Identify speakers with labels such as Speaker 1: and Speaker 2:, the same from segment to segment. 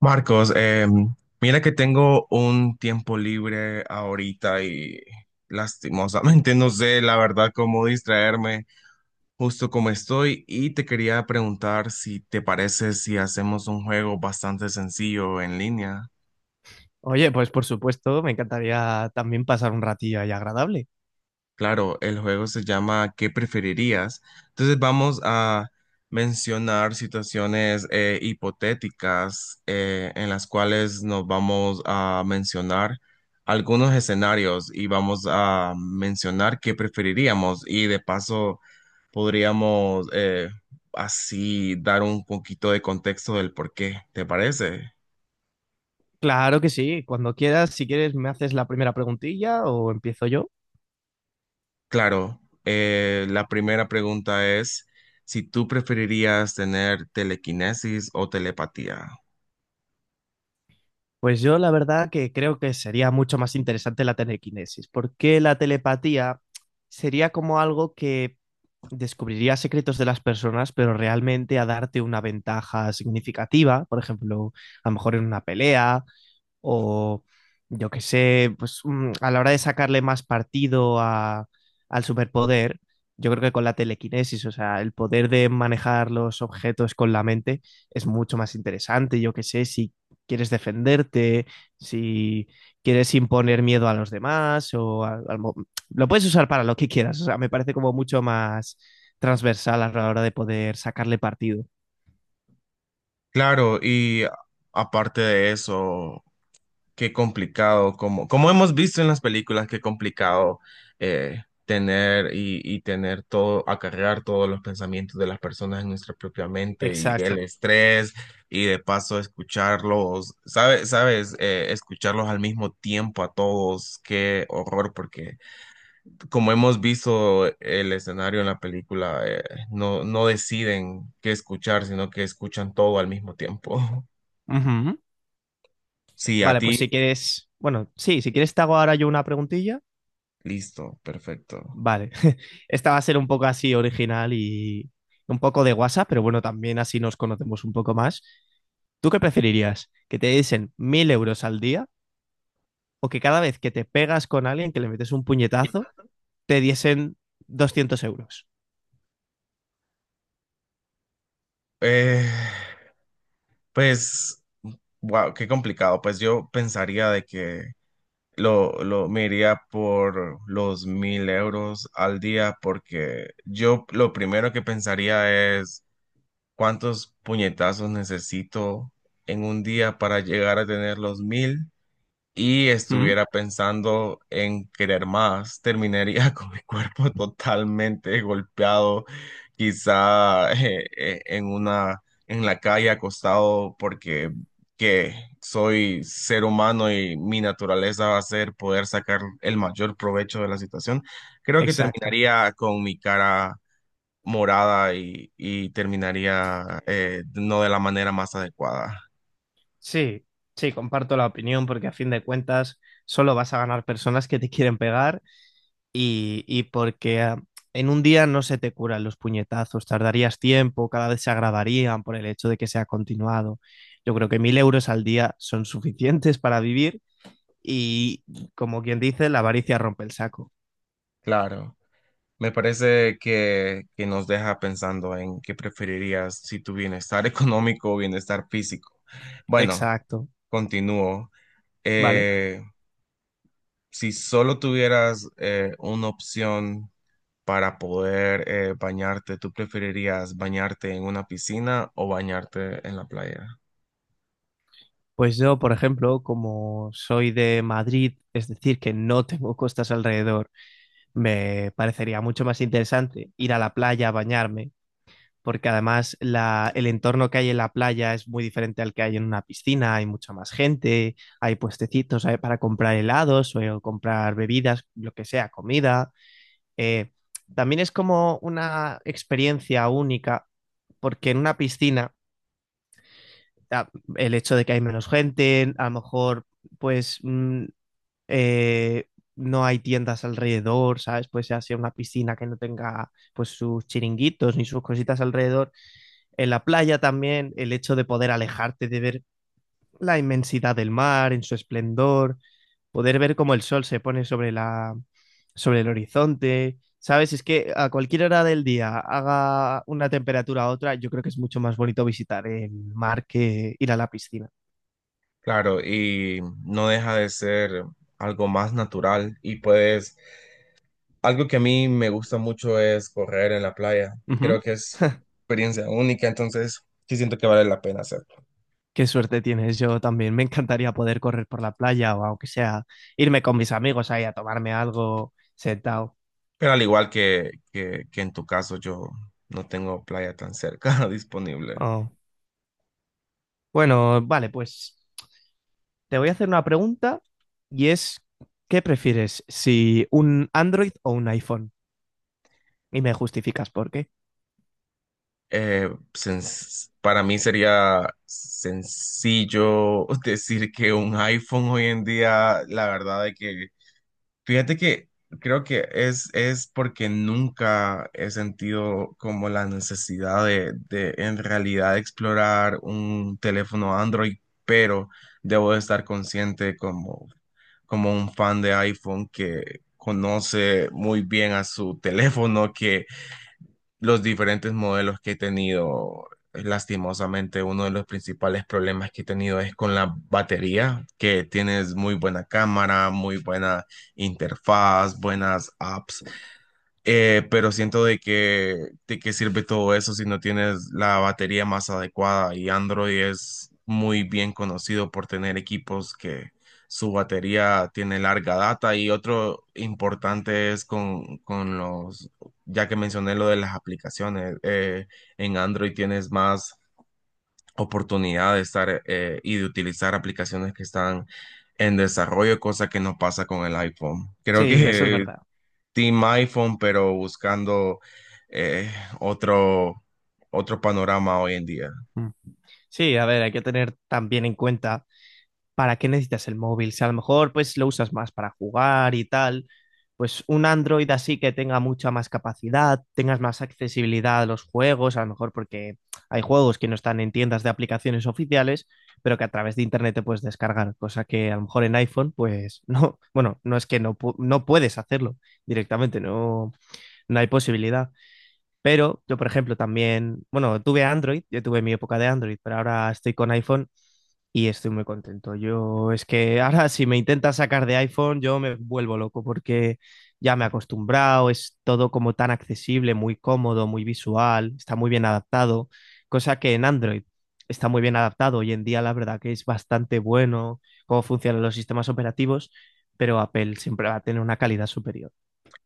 Speaker 1: Marcos, mira que tengo un tiempo libre ahorita y lastimosamente no sé la verdad cómo distraerme justo como estoy y te quería preguntar si te parece si hacemos un juego bastante sencillo en línea.
Speaker 2: Oye, pues por supuesto, me encantaría también pasar un ratillo ahí agradable.
Speaker 1: Claro, el juego se llama ¿Qué preferirías? Entonces vamos a mencionar situaciones hipotéticas en las cuales nos vamos a mencionar algunos escenarios y vamos a mencionar qué preferiríamos y de paso podríamos así dar un poquito de contexto del por qué, ¿te parece?
Speaker 2: Claro que sí, cuando quieras, si quieres, me haces la primera preguntilla o empiezo yo.
Speaker 1: Claro, la primera pregunta es si tú preferirías tener telequinesis o telepatía.
Speaker 2: Pues yo la verdad que creo que sería mucho más interesante la telequinesis, porque la telepatía sería como algo que descubriría secretos de las personas, pero realmente a darte una ventaja significativa, por ejemplo, a lo mejor en una pelea o yo qué sé, pues a la hora de sacarle más partido al superpoder, yo creo que con la telequinesis, o sea, el poder de manejar los objetos con la mente es mucho más interesante, yo qué sé, si quieres defenderte, si quieres imponer miedo a los demás o lo puedes usar para lo que quieras, o sea, me parece como mucho más transversal a la hora de poder sacarle partido.
Speaker 1: Claro, y aparte de eso, qué complicado, como, como hemos visto en las películas, qué complicado tener y tener todo, acarrear todos los pensamientos de las personas en nuestra propia mente y el
Speaker 2: Exacto.
Speaker 1: estrés y de paso escucharlos, ¿sabes? ¿Sabes? Escucharlos al mismo tiempo a todos, qué horror, porque como hemos visto el escenario en la película, no, no deciden qué escuchar, sino que escuchan todo al mismo tiempo. Sí, a
Speaker 2: Vale,
Speaker 1: ti,
Speaker 2: pues si quieres, bueno, sí, si quieres te hago ahora yo una preguntilla.
Speaker 1: listo, perfecto.
Speaker 2: Vale, esta va a ser un poco así original y un poco de WhatsApp, pero bueno, también así nos conocemos un poco más. ¿Tú qué preferirías? ¿Que te diesen 1.000 euros al día o que cada vez que te pegas con alguien, que le metes un puñetazo, te diesen 200 euros?
Speaker 1: Eh, pues, wow, qué complicado. Pues yo pensaría de que lo me iría por los 1000 euros al día, porque yo lo primero que pensaría es cuántos puñetazos necesito en un día para llegar a tener los mil y
Speaker 2: ¿Mm?
Speaker 1: estuviera pensando en querer más, terminaría con mi cuerpo totalmente golpeado, quizá en una en la calle acostado porque que soy ser humano y mi naturaleza va a ser poder sacar el mayor provecho de la situación. Creo que
Speaker 2: Exacto.
Speaker 1: terminaría con mi cara morada y terminaría no de la manera más adecuada.
Speaker 2: Sí, sí, comparto la opinión porque a fin de cuentas solo vas a ganar personas que te quieren pegar y porque en un día no se te curan los puñetazos, tardarías tiempo, cada vez se agravarían por el hecho de que sea continuado. Yo creo que 1.000 euros al día son suficientes para vivir y, como quien dice, la avaricia rompe el saco.
Speaker 1: Claro. Me parece que nos deja pensando en qué preferirías si tu bienestar económico o bienestar físico. Bueno,
Speaker 2: Exacto,
Speaker 1: continúo.
Speaker 2: ¿vale?
Speaker 1: Eh, si solo tuvieras una opción para poder bañarte, ¿tú preferirías bañarte en una piscina o bañarte en la playa?
Speaker 2: Pues yo, por ejemplo, como soy de Madrid, es decir, que no tengo costas alrededor, me parecería mucho más interesante ir a la playa a bañarme, porque además el entorno que hay en la playa es muy diferente al que hay en una piscina, hay mucha más gente, hay puestecitos hay para comprar helados o comprar bebidas, lo que sea, comida. Eh, también es como una experiencia única, porque en una piscina, ah, el hecho de que hay menos gente, a lo mejor pues eh, no hay tiendas alrededor, ¿sabes? Pues ya sea una piscina que no tenga pues sus chiringuitos ni sus cositas alrededor. En la playa también, el hecho de poder alejarte, de ver la inmensidad del mar en su esplendor, poder ver cómo el sol se pone sobre el horizonte. ¿Sabes? Es que a cualquier hora del día, haga una temperatura u otra, yo creo que es mucho más bonito visitar el mar que ir a la piscina.
Speaker 1: Claro, y no deja de ser algo más natural y puedes algo que a mí me gusta mucho es correr en la playa. Creo
Speaker 2: Ujú.
Speaker 1: que es experiencia única, entonces sí siento que vale la pena hacerlo.
Speaker 2: Qué suerte tienes, yo también. Me encantaría poder correr por la playa o, aunque sea, irme con mis amigos ahí a tomarme algo sentado.
Speaker 1: Pero al igual que en tu caso, yo no tengo playa tan cerca disponible.
Speaker 2: Oh. Bueno, vale, pues te voy a hacer una pregunta y es, ¿qué prefieres, si un Android o un iPhone? Y me justificas por qué.
Speaker 1: Eh, sens- para mí sería sencillo decir que un iPhone hoy en día, la verdad es que fíjate que creo que es porque nunca he sentido como la necesidad de en realidad explorar un teléfono Android, pero debo de estar consciente como, como un fan de iPhone que conoce muy bien a su teléfono, que los diferentes modelos que he tenido, lastimosamente uno de los principales problemas que he tenido es con la batería, que tienes muy buena cámara, muy buena interfaz, buenas apps pero siento de que de qué sirve todo eso si no tienes la batería más adecuada y Android es muy bien conocido por tener equipos que su batería tiene larga data y otro importante es con los, ya que mencioné lo de las aplicaciones, en Android tienes más oportunidad de estar y de utilizar aplicaciones que están en desarrollo, cosa que no pasa con el iPhone. Creo
Speaker 2: Sí, eso es
Speaker 1: que
Speaker 2: verdad.
Speaker 1: Team iPhone, pero buscando eh, otro, otro panorama hoy en día.
Speaker 2: Mm. Sí, a ver, hay que tener también en cuenta, ¿para qué necesitas el móvil? Si a lo mejor pues lo usas más para jugar y tal, pues un Android así que tenga mucha más capacidad, tengas más accesibilidad a los juegos, a lo mejor porque hay juegos que no están en tiendas de aplicaciones oficiales, pero que a través de internet te puedes descargar, cosa que a lo mejor en iPhone pues no, bueno, no es que no, no puedes hacerlo directamente, no, no hay posibilidad. Pero yo, por ejemplo, también, bueno, tuve Android, yo tuve mi época de Android, pero ahora estoy con iPhone y estoy muy contento. Yo es que ahora, si me intentas sacar de iPhone, yo me vuelvo loco porque ya me he acostumbrado, es todo como tan accesible, muy cómodo, muy visual, está muy bien adaptado, cosa que en Android está muy bien adaptado. Hoy en día la verdad que es bastante bueno cómo funcionan los sistemas operativos, pero Apple siempre va a tener una calidad superior.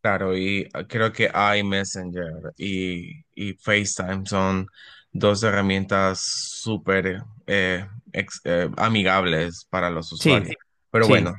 Speaker 1: Claro, y creo que iMessenger y FaceTime son dos herramientas súper amigables para los
Speaker 2: Sí,
Speaker 1: usuarios. Pero
Speaker 2: sí.
Speaker 1: bueno,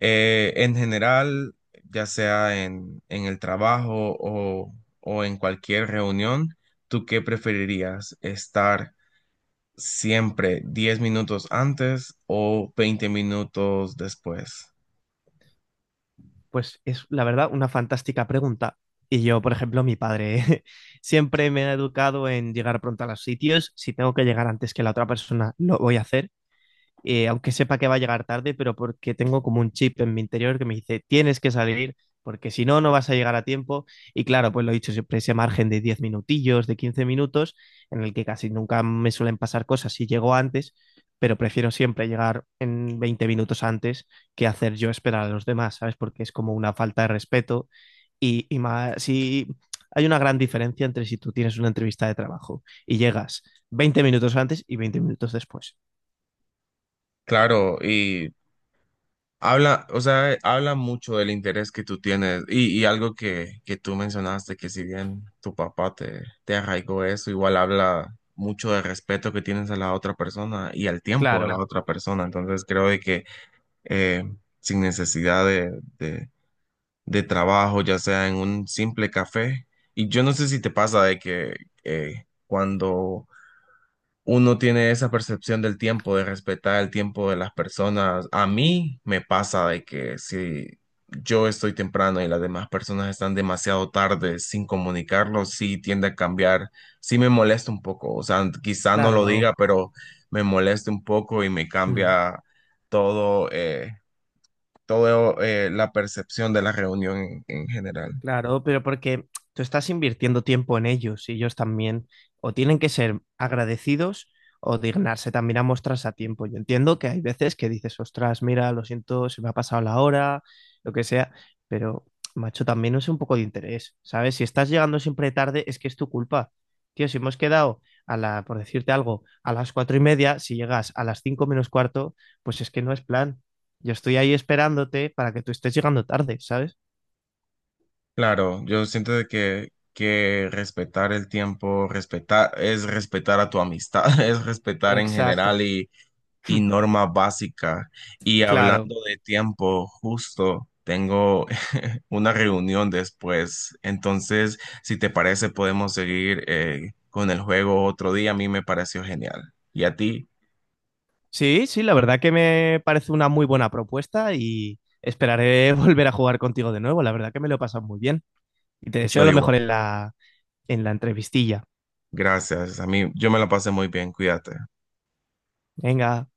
Speaker 1: en general, ya sea en el trabajo o en cualquier reunión, ¿tú qué preferirías? ¿Estar siempre 10 minutos antes o 20 minutos después?
Speaker 2: Pues es, la verdad, una fantástica pregunta. Y yo, por ejemplo, mi padre siempre me ha educado en llegar pronto a los sitios. Si tengo que llegar antes que la otra persona, lo voy a hacer, aunque sepa que va a llegar tarde, pero porque tengo como un chip en mi interior que me dice, tienes que salir, porque si no, no vas a llegar a tiempo. Y claro, pues lo he dicho, siempre ese margen de 10 minutillos, de 15 minutos, en el que casi nunca me suelen pasar cosas si llego antes, pero prefiero siempre llegar en 20 minutos antes que hacer yo esperar a los demás, ¿sabes? Porque es como una falta de respeto y más, si... Hay una gran diferencia entre si tú tienes una entrevista de trabajo y llegas 20 minutos antes y 20 minutos después.
Speaker 1: Claro, y habla, o sea, habla mucho del interés que tú tienes y algo que tú mencionaste, que si bien tu papá te arraigó eso, igual habla mucho del respeto que tienes a la otra persona y al tiempo de la
Speaker 2: Claro.
Speaker 1: otra persona. Entonces creo de que eh, sin necesidad de de trabajo, ya sea en un simple café, y yo no sé si te pasa de que cuando uno tiene esa percepción del tiempo, de respetar el tiempo de las personas. A mí me pasa de que si yo estoy temprano y las demás personas están demasiado tarde sin comunicarlo, sí tiende a cambiar, sí me molesta un poco. O sea, quizá no lo
Speaker 2: Claro.
Speaker 1: diga, pero me molesta un poco y me
Speaker 2: Mm.
Speaker 1: cambia todo, la percepción de la reunión en general.
Speaker 2: Claro, pero porque tú estás invirtiendo tiempo en ellos, y ellos también o tienen que ser agradecidos o dignarse también a mostrarse a tiempo. Yo entiendo que hay veces que dices, ostras, mira, lo siento, se me ha pasado la hora, lo que sea, pero, macho, también es un poco de interés, ¿sabes? Si estás llegando siempre tarde, es que es tu culpa. Tío, si hemos quedado por decirte algo, a las 4:30, si llegas a las 4:45, pues es que no es plan. Yo estoy ahí esperándote para que tú estés llegando tarde, ¿sabes?
Speaker 1: Claro, yo siento de que respetar el tiempo, respetar, es respetar a tu amistad, es respetar en
Speaker 2: Exacto.
Speaker 1: general y norma básica. Y
Speaker 2: Claro.
Speaker 1: hablando de tiempo, justo tengo una reunión después. Entonces, si te parece, podemos seguir con el juego otro día. A mí me pareció genial. Y a ti,
Speaker 2: Sí, sí, la verdad que me parece una muy buena propuesta y esperaré volver a jugar contigo de nuevo. La verdad que me lo he pasado muy bien y te deseo
Speaker 1: yo
Speaker 2: lo
Speaker 1: igual.
Speaker 2: mejor en la, entrevistilla.
Speaker 1: Gracias. A mí, yo me la pasé muy bien. Cuídate.
Speaker 2: Venga.